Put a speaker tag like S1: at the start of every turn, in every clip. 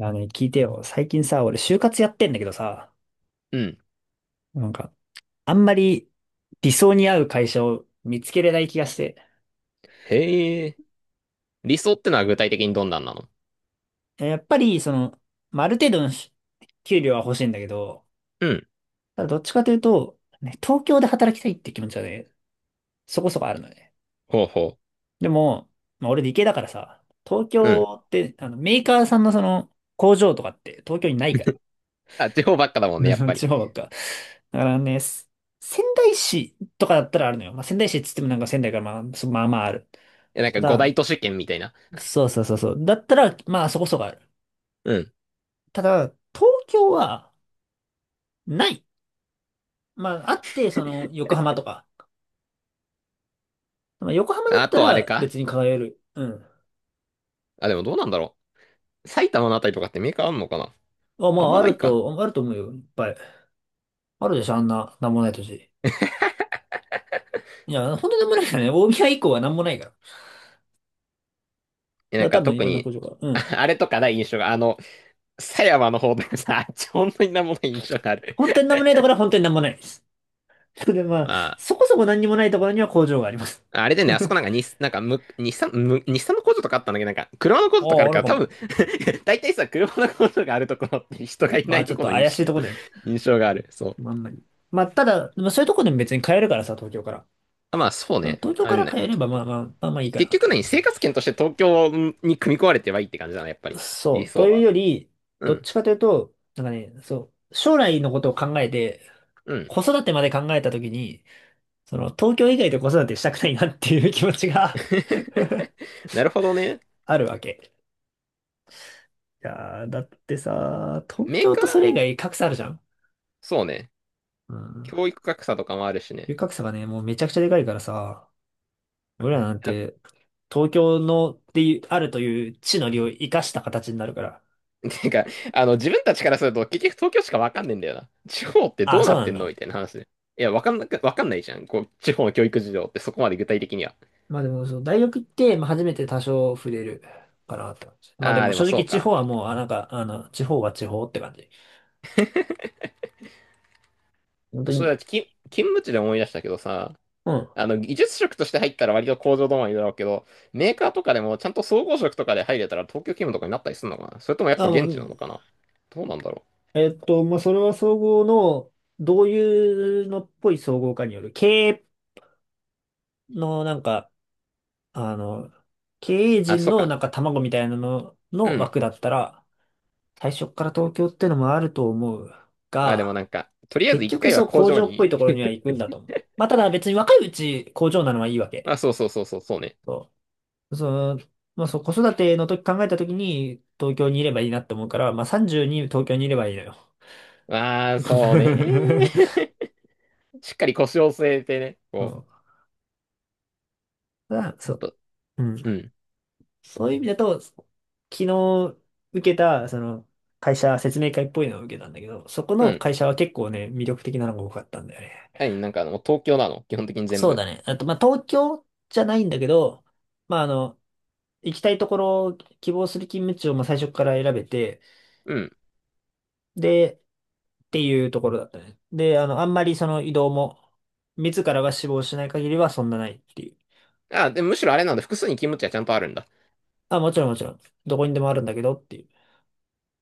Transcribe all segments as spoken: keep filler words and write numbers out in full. S1: あのね、聞いてよ。最近さ、俺就活やってんだけどさ、
S2: うん。
S1: なんか、あんまり理想に合う会社を見つけれない気がして。
S2: へえ。理想ってのは具体的にどんなんなの？
S1: やっぱり、その、まあ、ある程度のし給料は欲しいんだけど、
S2: うん。
S1: ただどっちかというと、ね、東京で働きたいって気持ちはね、そこそこあるのね。
S2: ほうほ
S1: でも、まあ、俺理系だからさ、東
S2: う。うん。
S1: 京って、あの、メーカーさんのその、工場とかって東京にないから。
S2: あ、地方ばっかだもんね、やっ
S1: うん、
S2: ぱ
S1: 地
S2: り。
S1: 方ばっか。だからね、す仙台市とかだったらあるのよ。まあ、仙台市っつってもなんか仙台からまあ、そまあまあある。
S2: え、なんか
S1: ただ、
S2: ごだいとしけんみたいな。
S1: そうそうそうそう。だったら、まあそこそこある。
S2: うん。
S1: ただ、東京はない。まあ、あって、その、横浜とか。まあ、横浜だっ
S2: あ
S1: た
S2: とあれ
S1: ら
S2: か。
S1: 別に輝える。うん。
S2: あ、でもどうなんだろう。埼玉のあたりとかってメーカーあんのかな。
S1: あ、ま
S2: あん
S1: あ、
S2: ま
S1: あ
S2: ない
S1: る
S2: か。
S1: と、あると思うよ。いっぱい。あるでしょ、あんな、なんもない土地。いや、本当になんもないからね。大宮以降はなんもないから。だか
S2: え、なん
S1: ら多
S2: か
S1: 分い
S2: 特
S1: ろんな
S2: に、
S1: 工場が。う
S2: あ
S1: ん。
S2: あれとかない印象が、あの、狭山の方とかさ、あっち本当になんもない印象がある。
S1: 本当になんもないところは本当になんもないです。で、まあ、
S2: ま
S1: そこそこ何にもないところには工場があります。
S2: あ、あれで ね、
S1: あ
S2: あそこなんか日、なんかむ、日産、む、日産の工場とかあったんだけど、なんか、車の工場とかあ
S1: あ、
S2: る
S1: あ
S2: か
S1: る
S2: ら、
S1: か
S2: 多分。
S1: も。
S2: 大体さ、車の工場があるところって人がい
S1: ま
S2: な
S1: あ、
S2: い
S1: ち
S2: と
S1: ょっ
S2: ころ
S1: と
S2: の認
S1: 怪しい
S2: 識
S1: とこだよね。
S2: 印象がある。そう。
S1: まあ、あんまり。まあ、ただ、まあ、そういうとこでも別に買えるからさ、東京から。
S2: あまあ、そう
S1: まあ
S2: ね。
S1: 東京
S2: あ
S1: か
S2: の
S1: ら
S2: ね
S1: 買えれば、まあまあ、まあまあいいか
S2: 結
S1: なって
S2: 局
S1: 感
S2: 何
S1: じ。
S2: 生活圏として東京に組み込まれてはいいって感じだな、やっぱり。
S1: そ
S2: 理
S1: う。と
S2: 想
S1: いう
S2: は。
S1: より、
S2: う
S1: どっ
S2: ん。
S1: ちかというと、なんかね、そう、将来のことを考えて、
S2: うん。
S1: 子育てまで考えたときに、その、東京以外で子育てしたくないなっていう気持ちが
S2: なるほどね。
S1: あるわけ。いやー、だってさ、東
S2: メー
S1: 京
S2: カー、
S1: とそれ以外格差あるじゃん。
S2: そうね。
S1: うん、
S2: 教育格差とかもあるしね。
S1: 龍角さがね、もうめちゃくちゃでかいからさ、俺らなん
S2: あ
S1: て、東京のっていう、あるという地の利を生かした形になるから。
S2: てか、あの、自分たちからすると結局東京しかわかんねえんだよな。地方って
S1: あ
S2: ど
S1: あ、
S2: うな
S1: そう
S2: っ
S1: な
S2: て
S1: ん
S2: んの
S1: だ。
S2: みたいな話ね。いや、わかんなく、わかんないじゃん。こう、地方の教育事情ってそこまで具体的には。
S1: まあでも、そう、大学行って、まあ初めて多少触れるかなって感じ。まあで
S2: ああ、
S1: も
S2: で
S1: 正
S2: もそ
S1: 直
S2: う
S1: 地方
S2: か。
S1: はもう、あ、なんか、あの、地方は地方って感じ。本当
S2: それ
S1: に。
S2: は、き勤務地で思い出したけどさ、
S1: うん。
S2: あの、技術職として入ったら割と工場止まりだろうけど、メーカーとかでもちゃんと総合職とかで入れたら東京勤務とかになったりするのかな。それともやっぱ
S1: あ、もう、う
S2: 現地なの
S1: ん、
S2: かな。どうなんだろう。
S1: えっと、まあそれは総合の、どういうのっぽい総合かによる、経営のなんか、あの、経営
S2: あ、
S1: 陣
S2: そう
S1: のな
S2: か。
S1: んか卵みたいなの
S2: う
S1: の
S2: ん。
S1: 枠だったら、最初から東京ってのもあると思う
S2: まあでも
S1: が、
S2: なんか、とりあえず
S1: 結
S2: 一
S1: 局
S2: 回は
S1: そう
S2: 工
S1: 工
S2: 場
S1: 場っぽい
S2: に、
S1: ところには行くんだと思う。まあただ別に若いうち工場なのはいいわ
S2: あ、
S1: け。
S2: そうそうそうそう、そうね。
S1: そう。その、まあそう子育ての時考えた時に東京にいればいいなって思うから、まあさんじゅうに東京にいればいいのよ。
S2: ああ、そうね。しっかり腰を据えてね、
S1: そ
S2: こ
S1: う。だそ
S2: う、
S1: う。
S2: と、
S1: うん。
S2: うん、
S1: そういう意味だと、昨日受けた、その、会社説明会っぽいのを受けたんだけど、そこ
S2: う
S1: の
S2: ん。
S1: 会社は結構ね、魅力的なのが多かったんだよね。
S2: 何、なんかあの、東京なの基本的に全
S1: そう
S2: 部。
S1: だね。あと、まあ、東京じゃないんだけど、まあ、あの、行きたいところを希望する勤務地をまあ最初から選べて、
S2: うん。
S1: で、っていうところだったね。で、あの、あんまりその移動も、自らが死亡しない限りはそんなないっていう。
S2: あ、で、むしろあれなんだ。複数に勤務地はちゃんとあるんだ。
S1: あ、もちろんもちろん。どこにでもあるんだけどっていう。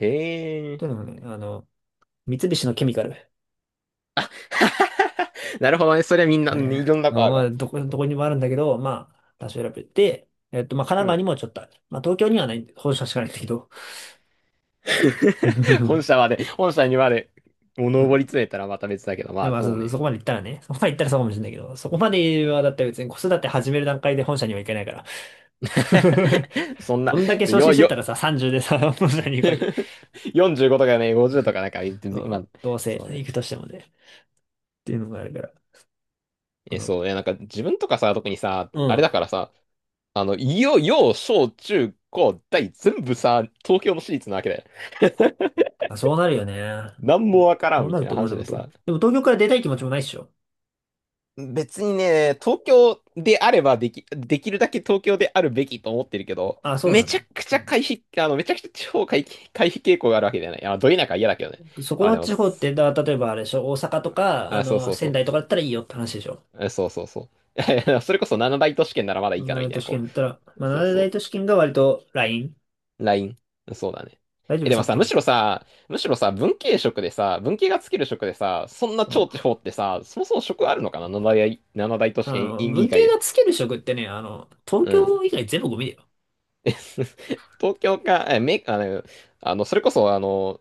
S2: へえ。
S1: というのもね、あの、三菱のケミカル。
S2: なるほどね。それはみんな、
S1: ね、
S2: いろんな
S1: あ
S2: 子
S1: の
S2: ある
S1: ま
S2: わ。
S1: あ、どこ、どこにでもあるんだけど、まあ、多少選べて、えっと、まあ、神
S2: う
S1: 奈川に
S2: ん。
S1: もちょっとある。まあ、東京にはない、本社しかないんだけど。
S2: 本社 まで、本社にまで、もう上り詰めたらまた別だけど、
S1: で
S2: ま
S1: も
S2: あ、
S1: まあ
S2: そう
S1: そ、そ
S2: ね。
S1: こまで行ったらね、そこまで行ったらそうかもしれないけど、そこまではだって別に子育て始める段階で本社には行けないから。
S2: そんな、
S1: どんだけ昇
S2: よ、
S1: 進してっ
S2: よ、
S1: たらさ、さんじゅうでさ、本社に行くわけ。
S2: よんじゅうごとかね、ごじゅうとかなんか、別
S1: う
S2: に
S1: ん、
S2: 今、
S1: どうせ
S2: そう
S1: 行
S2: ね。
S1: くとしてもね。っていうのがあるから。あ
S2: え、そ
S1: の、
S2: うね、なんか自分とかさ、特にさ、
S1: う
S2: あれだ
S1: ん。
S2: からさ、あの、いよ、よ、小、中、高、大、全部さ、東京の私立なわけだよ。
S1: あ、そうなるよね。
S2: なん
S1: う
S2: も
S1: ん、
S2: わから
S1: そ
S2: ん
S1: う
S2: み
S1: なる
S2: たい
S1: と
S2: な
S1: 思う。で
S2: 話
S1: も、
S2: で
S1: と、
S2: さ、
S1: でも東京から出たい気持ちもないっしょ。
S2: 別にね、東京であればでき、できるだけ東京であるべきと思ってるけど、
S1: あ、そう
S2: め
S1: なの。
S2: ちゃくち
S1: う
S2: ゃ
S1: ん。
S2: 回避、あの、めちゃくちゃ地方回避、回避傾向があるわけじゃない。あ、ど田舎は嫌だけどね。
S1: そこ
S2: あ、
S1: の
S2: でも、
S1: 地方って、だ、例えばあれでしょ、大阪とか、あ
S2: あ、そう
S1: の、
S2: そうそ
S1: 仙
S2: う。
S1: 台とかだったらいいよって話でしょ。
S2: あそうそうそう。それこそななだいとしけんならまだいい
S1: 七
S2: かなみ
S1: 大
S2: たい
S1: 都
S2: な、
S1: 市
S2: こ
S1: 圏だったら、ま
S2: う。
S1: あ、
S2: そう
S1: 七
S2: そ
S1: 大
S2: う。
S1: 都市圏が割とライン
S2: ライン。そうだね。
S1: 大丈
S2: え、
S1: 夫、
S2: でも
S1: 札
S2: さ、む
S1: 幌行っ
S2: し
S1: て
S2: ろ
S1: も。
S2: さ、むしろさ、文系職でさ、文系がつける職でさ、そんな超地方ってさ、そもそも職あるのかな。七大、なな大都市
S1: あ
S2: 圏委
S1: の、
S2: 員議
S1: 文系
S2: 会で。
S1: がつける職ってね、あの、東
S2: うん。
S1: 京以外全部ゴミだよ。
S2: え 東京か、え、め、あの、あの、それこそ、あの、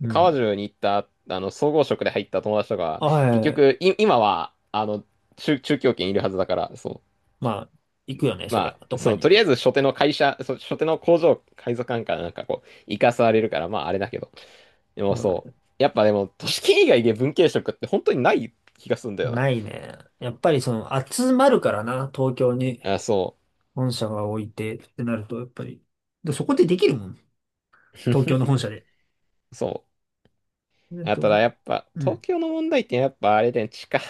S1: う
S2: 川
S1: ん。
S2: 中に行った、あの、総合職で入った友達とか、結
S1: はい。
S2: 局、い、今は、あの、中、中京圏いるはずだから、そ
S1: まあ、行
S2: う。
S1: くよね、そり
S2: ま
S1: ゃ、ど
S2: あ、
S1: っ
S2: そ
S1: か
S2: の、と
S1: に。
S2: りあえず、初手の会社、そ初手の工場、海賊館からなんかこう、行かされるから、まあ、あれだけど。で
S1: う
S2: も、そ
S1: ん、
S2: う。やっぱでも、都市圏以外で文系職って本当にない気がするんだよ
S1: ないね。やっぱりその、集まるからな、東京に
S2: な。あ、そ
S1: 本社が置いてってなると、やっぱり。で、そこでできるもん。
S2: う。
S1: 東京の 本社で。
S2: そ
S1: えっ
S2: う。あ、ただ、
S1: と、
S2: やっぱ、
S1: う
S2: 東
S1: ん。
S2: 京の問題ってやっぱ、あれで、地価、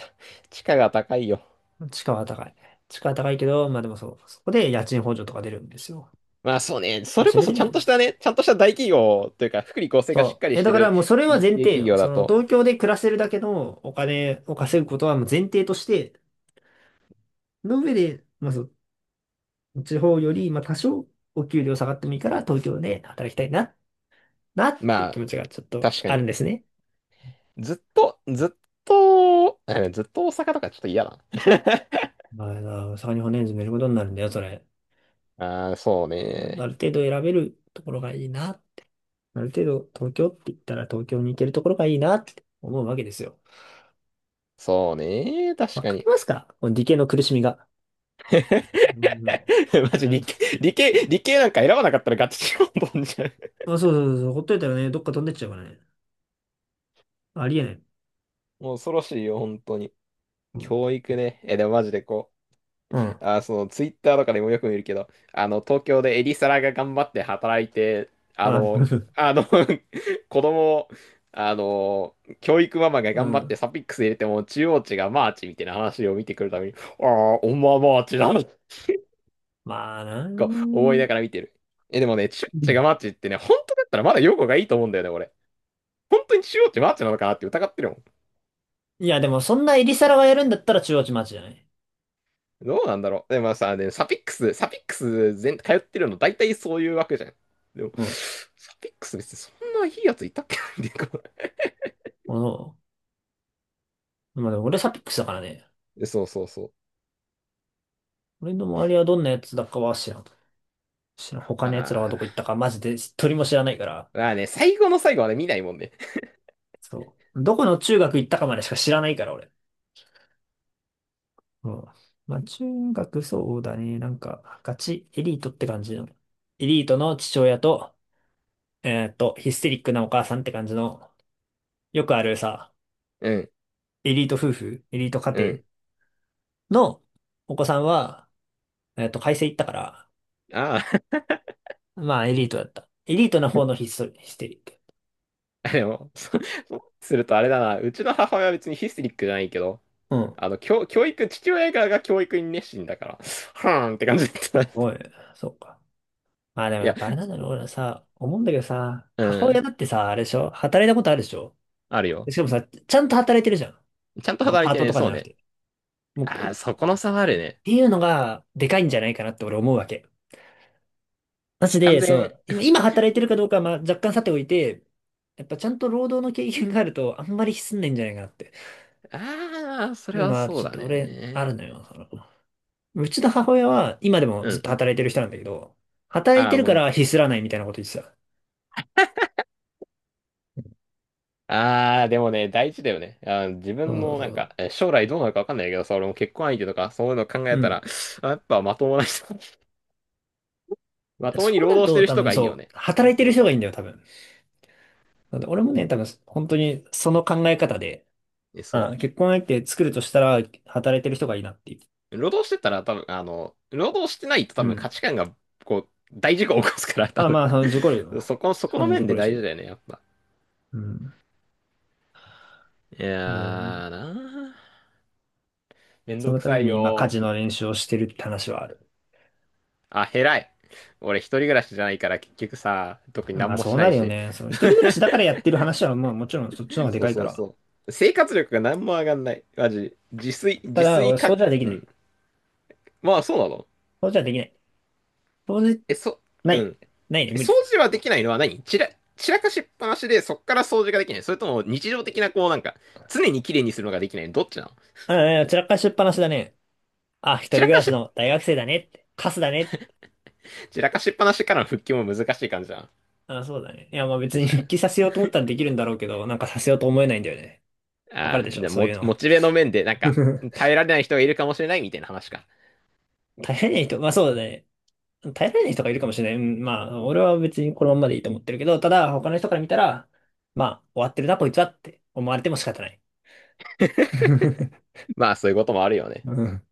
S2: 地価が高いよ。
S1: 地価は高い。地価は高いけど、まあでもそう、そこで家賃補助とか出るんですよ。
S2: まあそうね、
S1: ま
S2: そ
S1: あ、
S2: れ
S1: 知
S2: こ
S1: れて
S2: そち
S1: る
S2: ゃ
S1: よ
S2: んとし
S1: ね。
S2: たね、ちゃんとした大企業というか、福利厚生がしっ
S1: そ
S2: かり
S1: う。え、
S2: し
S1: だ
S2: て
S1: から
S2: る
S1: もうそれは
S2: 日
S1: 前
S2: 系
S1: 提
S2: 企
S1: よ。
S2: 業だ
S1: その
S2: と、
S1: 東京で暮らせるだけのお金を稼ぐことはもう前提として、の上で、まあそう、地方より、まあ多少お給料下がってもいいから東京で働きたいな、なっていう
S2: ま
S1: 気
S2: あ、
S1: 持ちがちょっと
S2: 確か
S1: あるん
S2: に。
S1: ですね。
S2: ずっと、ずっと、えずっと大阪とかちょっと嫌だ
S1: まあ、大阪に骨詰めることになるんだよ、それ。
S2: な。ああ、そうね。
S1: ある程度選べるところがいいな。ある程度東京って言ったら東京に行けるところがいいなって思うわけですよ。
S2: そうね。確
S1: わ
S2: か
S1: かり
S2: に。
S1: ますかこの理系の苦しみが。うん。
S2: マジ
S1: あ、
S2: 理系、理系、理系なんか選ばなかったらガチチロンボンじゃん。
S1: そうそうそう、ほっといたらね、どっか飛んでっちゃうからね。ありえない。
S2: もう恐ろしいよ、本当に。
S1: うん。
S2: 教育ね。え、でもマジでこ
S1: う
S2: う。
S1: ん。
S2: あ、そのツイッターとかでもよく見るけど、あの、東京でエリサラが頑張って働いて、あ
S1: あ
S2: の、あの 子供を、あの、教育ママが
S1: う
S2: 頑張って
S1: ん。
S2: サピックス入れても中央値がマーチみたいな話を見てくるために、ああ、おまマーチだな、
S1: まあな
S2: と思いな
S1: ー。
S2: がら見てる。え、でもね、中央値がマーチってね、本当だったらまだ用語がいいと思うんだよね、俺。本当に中央値マーチなのかなって疑ってるもん。
S1: いや、でもそんなエリサラがやるんだったら中央値マジじゃない。
S2: どうなんだろう。でもさ、でサピックス、サピックス全、通ってるの大体そういうわけじゃん。でも、
S1: うん。
S2: サピックス別にそんないいやついたっけっていうか
S1: おう、まあでも俺サピックスだからね。
S2: そうそうそう。
S1: 俺の周りはどんなやつだかは知らん。知らん。他
S2: あ
S1: のやつらはどこ行った
S2: あ。
S1: かマジで一人も知らないから。
S2: まあね、最後の最後はね、見ないもんね。
S1: そう。どこの中学行ったかまでしか知らないから俺。うん。まあ中学そうだね。なんかガチエリートって感じの。エリートの父親と、えーっと、ヒステリックなお母さんって感じの、よくあるさ、
S2: うん、
S1: エリート夫婦、エリート家
S2: う
S1: 庭
S2: ん。
S1: のお子さんは、えっと、会社行ったから、
S2: あ
S1: まあ、エリートだった。エリートな方のヒストリ、ヒステリック。
S2: あ。でも、そそうするとあれだな。うちの母親は別にヒステリックじゃないけど、
S1: うん。
S2: あの、教、教育、父親側が教育に熱心だから、はーんって感じだった
S1: おい、そうか。まあでも
S2: い
S1: や
S2: や、
S1: っぱあれなんだろう。俺さ、思うんだけどさ、
S2: う
S1: 母親
S2: ん、
S1: だってさ、あれでしょ、働いたことあるでしょ？
S2: ある
S1: で
S2: よ。
S1: しかもさ、ちゃんと働いてるじゃん。
S2: ちゃんと
S1: あの
S2: 働い
S1: パー
S2: て
S1: トと
S2: ね、
S1: かじ
S2: そう
S1: ゃなく
S2: ね。
S1: て。もう、
S2: あ
S1: っ
S2: あ、そこの差はあるね。
S1: ていうのが、でかいんじゃないかなって俺思うわけ。マジ
S2: 完
S1: で、そ
S2: 全、
S1: う、今、今働いてるかどうかは、まあ、若干さておいて、やっぱちゃんと労働の経験があると、あんまりひすんないんじゃないかなって。
S2: ああ、そ
S1: い
S2: れ
S1: うの
S2: は
S1: は、
S2: そう
S1: ちょっ
S2: だ
S1: と俺、ある
S2: ね。
S1: のよ。その、うちの母親は、今でも
S2: う
S1: ずっ
S2: ん。
S1: と働いてる人なんだけど、働い
S2: あ
S1: て
S2: あ、
S1: る
S2: も
S1: か
S2: う、
S1: らひすらないみたいなこと言ってた。
S2: ああ、でもね、大事だよね。あー、自
S1: そ
S2: 分
S1: うそう
S2: の、
S1: そ
S2: なん
S1: う。
S2: か、え将来どうなるかわかんないけどさ、俺も結婚相手とか、そういうの考
S1: う
S2: えた
S1: ん。
S2: ら、あやっぱまともな人、まともに
S1: そう
S2: 労
S1: なる
S2: 働して
S1: と、
S2: る
S1: 多
S2: 人
S1: 分
S2: がいいよ
S1: そう、
S2: ね。
S1: 働いて
S2: そ
S1: る人
S2: う。
S1: がいいんだよ、多分。なんで俺もね、多分、本当にその考え方で、
S2: え、そ
S1: あ、結婚相手作るとしたら、働いてる人がいいなっていう。
S2: う。労働してたら多分、あの、労働してないと多
S1: う
S2: 分価
S1: ん。
S2: 値観が、こう、大事故を起こすから、多
S1: あ、
S2: 分。
S1: まあ、その、受講料。
S2: そこ、そこ
S1: あ
S2: の
S1: の、受
S2: 面
S1: 講
S2: で
S1: 料
S2: 大事だ
S1: し。
S2: よね、やっぱ。
S1: うん。
S2: いや
S1: うん。
S2: ーなー、めん
S1: そ
S2: ど
S1: の
S2: く
S1: た
S2: さ
S1: め
S2: い
S1: に今、家
S2: よ。
S1: 事の練習をしてるって話はある。
S2: あ、偉い。俺一人暮らしじゃないから結局さ、特に
S1: ま
S2: 何
S1: あ
S2: も
S1: そ
S2: し
S1: う
S2: な
S1: な
S2: い
S1: るよ
S2: し。
S1: ね。その 一人暮らしだからやってる話は、まあもちろんそっちの方がで
S2: そう
S1: かいか
S2: そう
S1: ら。
S2: そう。生活力が何も上がんない。マジ。自炊、
S1: た
S2: 自
S1: だ、
S2: 炊
S1: 俺、そ
S2: か、
S1: うじゃでき
S2: う
S1: ない。
S2: ん。まあそうなの。
S1: そうじゃできない。そうじ、
S2: え、そ、
S1: な
S2: う
S1: い。
S2: ん。
S1: ないね、
S2: え
S1: 無理
S2: 掃
S1: だ。
S2: 除はできないのは何散ら、散らかしっぱなしでそっから掃除ができない。それとも日常的なこうなんか、常に綺麗にするのができない。どっちなの。
S1: ああ、散らかしっぱなしだね。あ、一人
S2: 散ら
S1: 暮
S2: か
S1: らし
S2: し、
S1: の大学生だねって。カスだねって。
S2: 散らかしっぱなしからの復帰も難しい感じじゃん。あ
S1: あ、そうだね。いや、まあ別
S2: れ
S1: に
S2: じゃん。
S1: 復帰させようと思ったらできるんだろうけど、なんかさせようと思えないんだよね。わかる
S2: あ
S1: で
S2: あ、
S1: し
S2: じ
S1: ょ、
S2: ゃあ
S1: そう
S2: モ、
S1: いうの。
S2: モチベの面でなんか、耐えられない人がいるかもしれないみたいな話か。
S1: 大変な人、まあそうだね。大変な人がいるかもしれない。うん、まあ、俺は別にこのまんまでいいと思ってるけど、ただ、他の人から見たら、まあ、終わってるな、こいつはって思われても仕方ない。
S2: まあそういうこともあるよね。
S1: うん